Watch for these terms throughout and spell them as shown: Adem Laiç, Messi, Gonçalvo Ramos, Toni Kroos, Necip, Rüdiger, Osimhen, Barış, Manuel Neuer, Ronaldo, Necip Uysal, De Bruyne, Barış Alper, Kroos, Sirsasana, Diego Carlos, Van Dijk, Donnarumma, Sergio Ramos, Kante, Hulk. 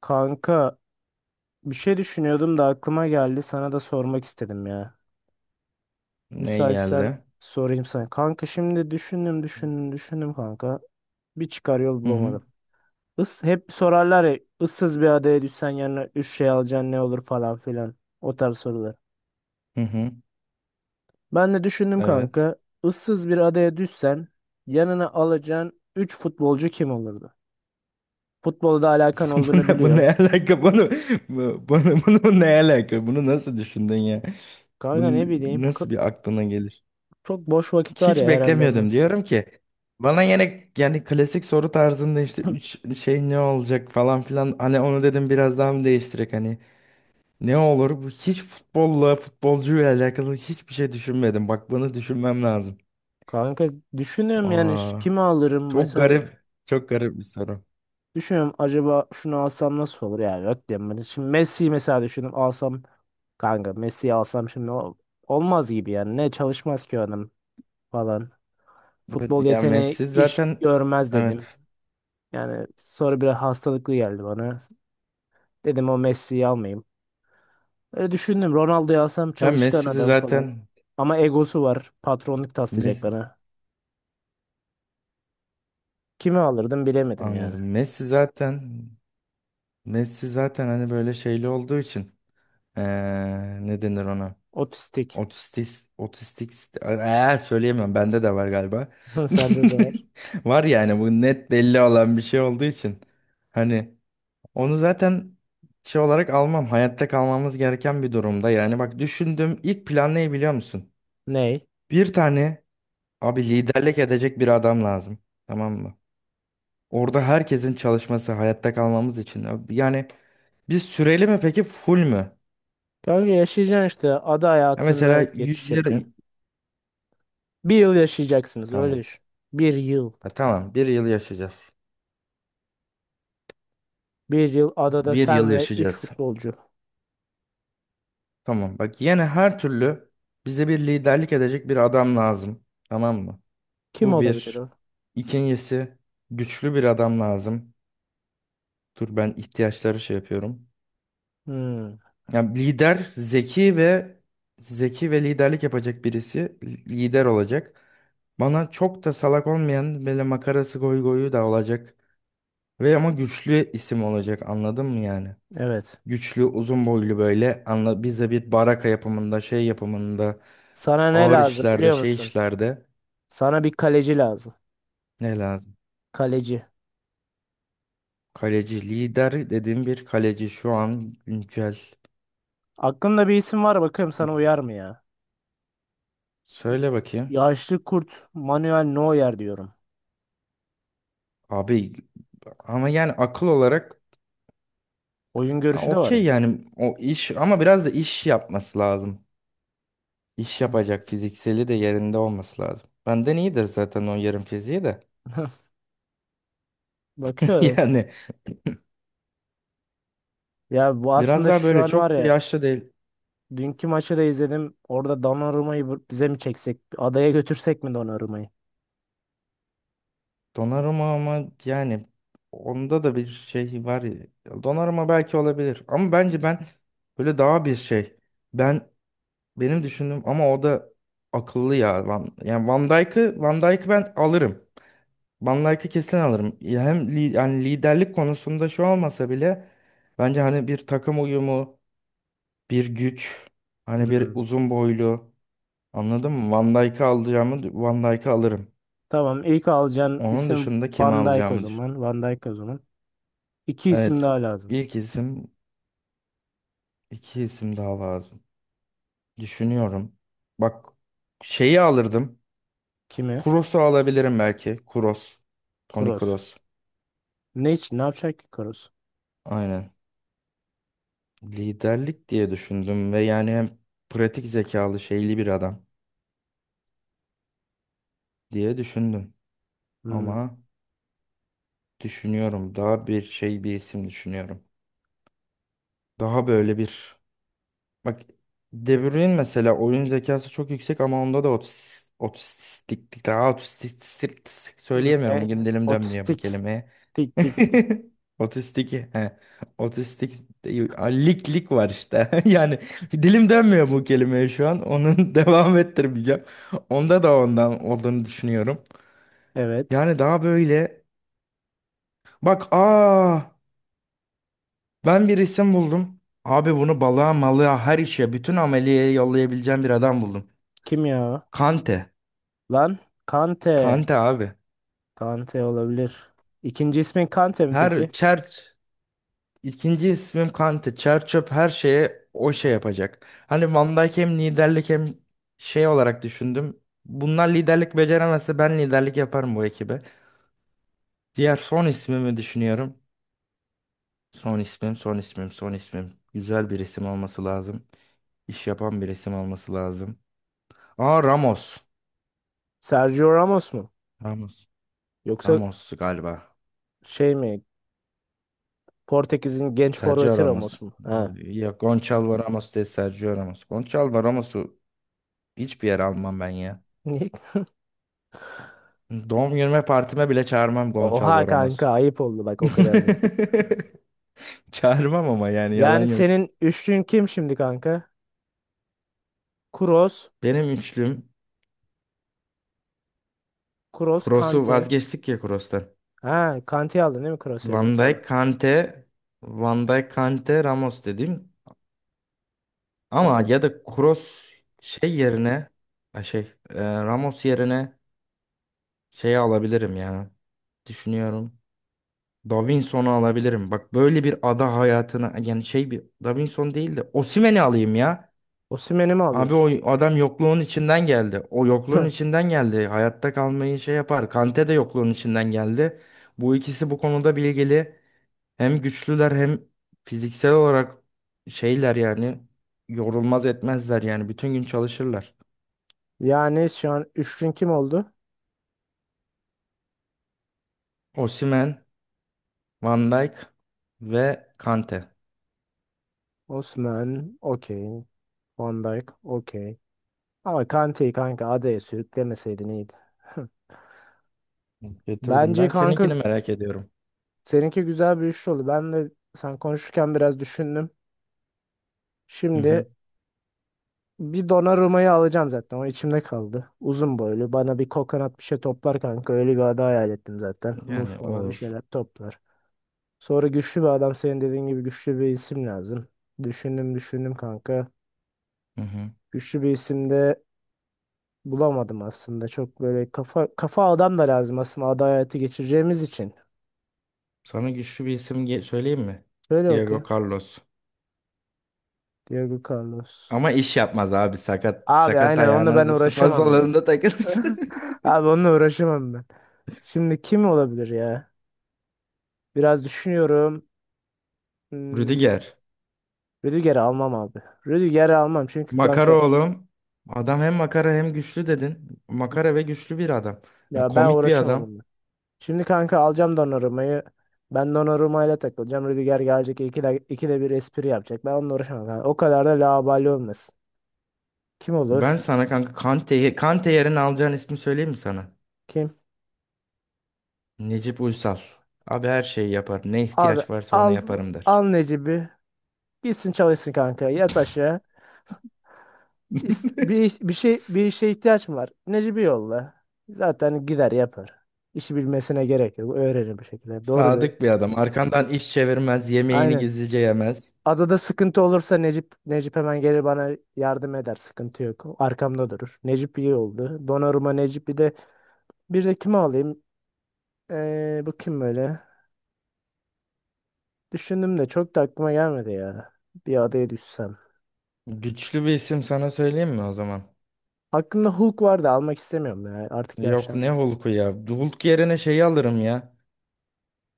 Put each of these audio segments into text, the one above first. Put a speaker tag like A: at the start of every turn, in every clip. A: Kanka, bir şey düşünüyordum da aklıma geldi, sana da sormak istedim ya.
B: Ne
A: Müsaitsen
B: geldi?
A: sorayım sana. Kanka, şimdi düşündüm düşündüm düşündüm kanka. Bir çıkar yol
B: Hı hı.
A: bulamadım. Hep sorarlar ya, ıssız bir adaya düşsen yanına üç şey alacaksın, ne olur falan filan. O tarz sorular.
B: Hı hı.
A: Ben de düşündüm
B: Evet.
A: kanka. Issız bir adaya düşsen yanına alacağın üç futbolcu kim olurdu? Futbolda alakan
B: Bu
A: olduğunu
B: ne, bu
A: biliyorum.
B: ne alaka? Bunu, bunu, bu ne alaka? Bunu nasıl düşündün ya?
A: Kanka
B: Bunu
A: ne bileyim.
B: nasıl bir aklına gelir?
A: Çok boş vakit var
B: Hiç
A: ya, herhalde ondan.
B: beklemiyordum. Diyorum ki bana yine yani klasik soru tarzında işte üç şey ne olacak falan filan. Hani onu dedim biraz daha mı değiştirek hani ne olur? Bu hiç futbolla futbolcuyla alakalı hiçbir şey düşünmedim. Bak bunu düşünmem lazım.
A: Kanka düşünüyorum, yani
B: Aa,
A: kimi alırım
B: çok
A: mesela,
B: garip. Çok garip bir soru.
A: düşünüyorum acaba şunu alsam nasıl olur, yani yok diyorum ben. Şimdi Messi'yi mesela düşündüm alsam, kanka Messi'yi alsam şimdi olmaz gibi yani, ne çalışmaz ki adam falan.
B: Evet
A: Futbol
B: ya,
A: yeteneği
B: Messi
A: iş
B: zaten
A: görmez dedim.
B: evet.
A: Yani sonra biraz hastalıklı geldi bana. Dedim o Messi'yi almayayım. Öyle düşündüm, Ronaldo'yu alsam
B: Ya
A: çalışkan
B: Messi de
A: adam falan.
B: zaten
A: Ama egosu var, patronluk taslayacak
B: Messi,
A: bana. Kimi alırdım bilemedim yani.
B: anladım. Messi zaten, Messi zaten hani böyle şeyli olduğu için ne denir ona?
A: Otistik.
B: Otistik, otistik, söyleyemem. Bende de var galiba.
A: Sende de var.
B: Var yani bu net belli olan bir şey olduğu için. Hani onu zaten şey olarak almam. Hayatta kalmamız gereken bir durumda. Yani bak düşündüğüm ilk plan ne biliyor musun?
A: Ney?
B: Bir tane, abi liderlik edecek bir adam lazım. Tamam mı? Orada herkesin çalışması hayatta kalmamız için. Abi yani biz süreli mi peki, full mü?
A: Kanka, yaşayacaksın işte. Ada
B: Ya
A: hayatına
B: mesela
A: geçiş
B: 100 yıl...
A: yapıyorsun. Bir yıl yaşayacaksınız, öyle
B: Tamam.
A: düşün. Bir yıl.
B: Ha, tamam. Bir yıl yaşayacağız.
A: Bir yıl adada
B: Bir yıl
A: sen ve 3
B: yaşayacağız.
A: futbolcu.
B: Tamam. Bak yine her türlü bize bir liderlik edecek bir adam lazım. Tamam mı?
A: Kim
B: Bu
A: olabilir
B: bir.
A: o?
B: İkincisi, güçlü bir adam lazım. Dur ben ihtiyaçları şey yapıyorum.
A: Hmm,
B: Yani lider zeki ve liderlik yapacak birisi, lider olacak. Bana çok da salak olmayan böyle makarası, goy goyu da olacak. Ve ama güçlü isim olacak, anladın mı yani?
A: evet.
B: Güçlü, uzun boylu, böyle anla, bize bir baraka yapımında, şey yapımında,
A: Sana ne
B: ağır
A: lazım
B: işlerde,
A: biliyor
B: şey
A: musun?
B: işlerde
A: Sana bir kaleci lazım.
B: ne lazım?
A: Kaleci.
B: Kaleci lider dediğim bir kaleci şu an güncel.
A: Aklında bir isim var, bakıyorum sana uyar mı ya?
B: Söyle bakayım.
A: Yaşlı kurt Manuel Neuer diyorum.
B: Abi ama yani akıl olarak.
A: Oyun
B: Ha,
A: görüşü de var
B: okey,
A: ya.
B: yani o iş ama biraz da iş yapması lazım. İş yapacak, fizikseli de yerinde olması lazım. Benden iyidir zaten o yarım fiziği de.
A: Bakıyorum.
B: Yani
A: Ya bu
B: biraz
A: aslında
B: daha
A: şu
B: böyle
A: an var
B: çok da
A: ya,
B: yaşlı değil.
A: dünkü maçı da izledim. Orada Donnarumma'yı bize mi çeksek? Adaya götürsek mi Donnarumma'yı?
B: Donnarumma ama yani onda da bir şey var ya. Donnarumma belki olabilir ama bence ben böyle daha bir şey. Ben, benim düşündüğüm ama o da akıllı ya. Yani Van Dijk'ı ben alırım. Van Dijk'i kesin alırım. Ya hem yani liderlik konusunda şu olmasa bile bence hani bir takım uyumu, bir güç, hani bir
A: Hmm.
B: uzun boylu, anladın mı? Van Dijk'ı alırım.
A: Tamam. ilk alacağın
B: Onun
A: isim
B: dışında kimi
A: Van Dijk o
B: alacağımı düşün.
A: zaman. Van Dijk o zaman. İki isim
B: Evet.
A: daha lazım.
B: İlk isim, iki isim daha lazım. Düşünüyorum. Bak şeyi alırdım.
A: Kimi?
B: Kuros'u alabilirim belki. Kuros. Toni
A: Kroos.
B: Kroos.
A: Ne için? Ne yapacak ki Kroos?
B: Aynen. Liderlik diye düşündüm ve yani hem pratik zekalı şeyli bir adam diye düşündüm.
A: Hmm.
B: Ama düşünüyorum. Daha bir şey, bir isim düşünüyorum. Daha böyle bir, bak, De Bruyne mesela oyun zekası çok yüksek ama onda da otistiklik daha otistik, söyleyemiyorum.
A: Ne?
B: Bugün dilim dönmüyor bu
A: Otistik.
B: kelimeye.
A: Tik tik tik.
B: Otistik he. Otistik değil. Aa, lik lik var işte. Yani dilim dönmüyor bu kelimeye şu an. Onun devam ettirmeyeceğim. Onda da ondan olduğunu düşünüyorum.
A: Evet.
B: Yani daha böyle bak aa, ben bir isim buldum. Abi bunu balığa malığa, her işe, bütün ameliyeye yollayabileceğim bir adam buldum.
A: Kim ya? O?
B: Kante.
A: Lan Kante.
B: Kante abi.
A: Kante olabilir. İkinci ismin Kante mi
B: Her
A: peki?
B: çer ikinci ismim Kante. Çer çöp her şeye o şey yapacak. Hani Van Dijk hem liderlik hem şey olarak düşündüm. Bunlar liderlik beceremezse ben liderlik yaparım bu ekibe. Diğer son ismimi düşünüyorum. Son ismim. Güzel bir isim olması lazım. İş yapan bir isim olması lazım. Aa, Ramos.
A: Sergio Ramos mu?
B: Ramos.
A: Yoksa
B: Ramos galiba.
A: şey mi? Portekiz'in genç
B: Sergio
A: forveti Ramos
B: Ramos.
A: mu? Ha.
B: Ya Gonçalvo Ramos değil, Sergio Ramos. Gonçalvo Ramos'u hiçbir yere almam ben ya.
A: Niye?
B: Doğum günüme, partime bile çağırmam
A: Oha
B: Gonçalvo Ramos.
A: kanka, ayıp oldu bak, o kadar değil.
B: Çağırmam ama yani yalan
A: Yani
B: yok.
A: senin üçlün kim şimdi kanka? Kroos,
B: Benim üçlüm,
A: Kroos,
B: Kroos'u
A: Kante.
B: vazgeçtik ya, Kroos'tan.
A: Ha, Kante'yi aldın değil mi Kroos yerine?
B: Van
A: Pardon.
B: Dijk, Kante, Ramos dedim. Ama
A: Tamam.
B: ya da Kroos şey yerine, ha şey, Ramos yerine şeyi alabilirim ya. Düşünüyorum. Davinson'u alabilirim. Bak böyle bir ada hayatına yani şey, bir Davinson değil de Osimhen'i alayım ya.
A: Osimhen'i mi
B: Abi
A: alıyorsun?
B: o adam yokluğun içinden geldi. O yokluğun içinden geldi. Hayatta kalmayı şey yapar. Kante de yokluğun içinden geldi. Bu ikisi bu konuda bilgili. Hem güçlüler hem fiziksel olarak şeyler yani yorulmaz etmezler yani bütün gün çalışırlar.
A: Yani şu an üçlün kim oldu?
B: Osimhen, Van Dijk ve Kante.
A: Osimhen, okey. Van Dijk, okey. Ama Kante'yi kanka adaya sürüklemeseydin iyiydi.
B: Getirdim
A: Bence
B: ben.
A: kanka
B: Seninkini merak ediyorum.
A: seninki güzel bir üçlü oldu. Ben de sen konuşurken biraz düşündüm.
B: Hı hı.
A: Şimdi bir Donnarumma'yı alacağım zaten. O içimde kaldı. Uzun boylu. Bana bir kokonat bir şey toplar kanka. Öyle bir ada hayal ettim zaten. Muz
B: Yani
A: falan bir
B: olur.
A: şeyler toplar. Sonra güçlü bir adam. Senin dediğin gibi güçlü bir isim lazım. Düşündüm düşündüm kanka.
B: Hı hı.
A: Güçlü bir isim de bulamadım aslında. Çok böyle kafa kafa adam da lazım aslında, ada hayatı geçireceğimiz için.
B: Sana güçlü bir isim söyleyeyim mi?
A: Söyle
B: Diego
A: bakayım.
B: Carlos.
A: Diego Carlos.
B: Ama iş yapmaz abi. Sakat
A: Abi
B: sakat
A: aynen onunla ben
B: ayağına spor
A: uğraşamam ya.
B: salonunda takılır.
A: Abi onunla uğraşamam ben. Şimdi kim olabilir ya? Biraz düşünüyorum. Hmm,
B: Rüdiger.
A: Rüdiger'i almam abi. Rüdiger'i almam çünkü
B: Makara
A: kanka,
B: oğlum. Adam hem makara hem güçlü dedin. Makara ve güçlü bir adam.
A: ya ben
B: Komik bir
A: uğraşamam
B: adam.
A: onunla. Şimdi kanka alacağım Donnarumma'yı. Ben Donnarumma'yla takılacağım. Rüdiger gelecek ikide bir espri yapacak. Ben onunla uğraşamam. Yani o kadar da laubali olmasın. Kim
B: Ben
A: olur?
B: sana kanka Kante, Kante yerine alacağın ismi söyleyeyim mi sana?
A: Kim?
B: Necip Uysal. Abi her şeyi yapar. Ne
A: Abi,
B: ihtiyaç varsa onu
A: al
B: yaparım der.
A: al Necip'i. Gitsin çalışsın kanka. Yat aşağı. Bir şey, bir işe ihtiyaç mı var? Necip'i yolla. Zaten gider yapar. İşi bilmesine gerek yok. Öğrenir bir şekilde. Doğru da.
B: Sadık bir adam. Arkandan iş çevirmez. Yemeğini
A: Aynen.
B: gizlice yemez.
A: Adada sıkıntı olursa Necip Necip hemen gelir bana, yardım eder. Sıkıntı yok. Arkamda durur. Necip iyi oldu. Donnarumma, Necip, bir de kimi alayım? Bu kim böyle? Düşündüm de çok da aklıma gelmedi ya. Bir adaya düşsem.
B: Güçlü bir isim sana söyleyeyim mi o zaman?
A: Aklımda Hulk vardı, almak istemiyorum ya. Artık
B: Yok ne
A: yaşlandım.
B: Hulk'u ya. Hulk yerine şeyi alırım ya.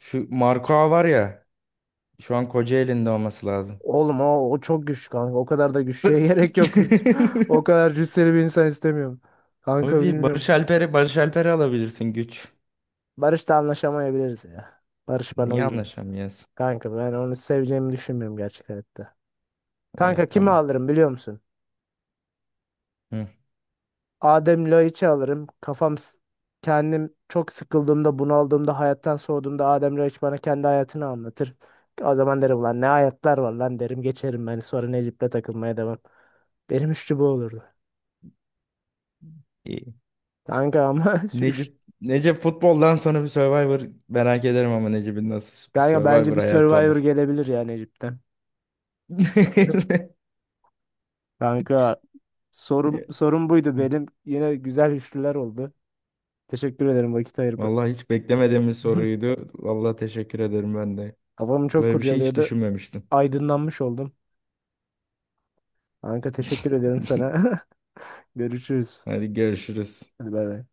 B: Şu Marco var ya. Şu an Kocaeli'nde olması lazım.
A: Oğlum o, o çok güçlü kanka. O kadar da güçlüye gerek yok. O kadar cüsseli bir insan istemiyorum.
B: Abi
A: Kanka
B: bir Barış
A: bilmiyorum.
B: Alper'i Barış Alper'i alabilirsin, güç.
A: Barış'la anlaşamayabiliriz ya. Barış bana
B: Niye
A: uymuyor.
B: anlaşamıyorsun?
A: Kanka ben onu seveceğimi düşünmüyorum gerçekten.
B: İyi,
A: Kanka kimi
B: tamam.
A: alırım biliyor musun?
B: Hı.
A: Adem Laiç'i alırım. Kafam kendim çok sıkıldığımda, bunaldığımda, hayattan soğuduğumda Adem Laiç bana kendi hayatını anlatır. O zaman derim lan ne hayatlar var lan, derim geçerim ben, sonra Necip'le takılmaya devam. Benim üçlü bu olurdu.
B: İyi.
A: Kanka ama
B: Necip futboldan sonra bir Survivor merak ederim ama Necip'in nasıl bir
A: kanka bence
B: Survivor
A: bir
B: hayatı
A: Survivor
B: olur.
A: gelebilir ya Necip'ten. Kanka, sorum buydu benim. Yine güzel üçlüler oldu. Teşekkür ederim vakit ayırıp.
B: Vallahi hiç beklemediğim bir soruydu. Vallahi teşekkür ederim ben de.
A: Kafamı çok
B: Böyle bir şey hiç
A: kurcalıyordu.
B: düşünmemiştim.
A: Aydınlanmış oldum. Kanka teşekkür ederim sana. Görüşürüz.
B: Hadi görüşürüz.
A: Hadi bay bay.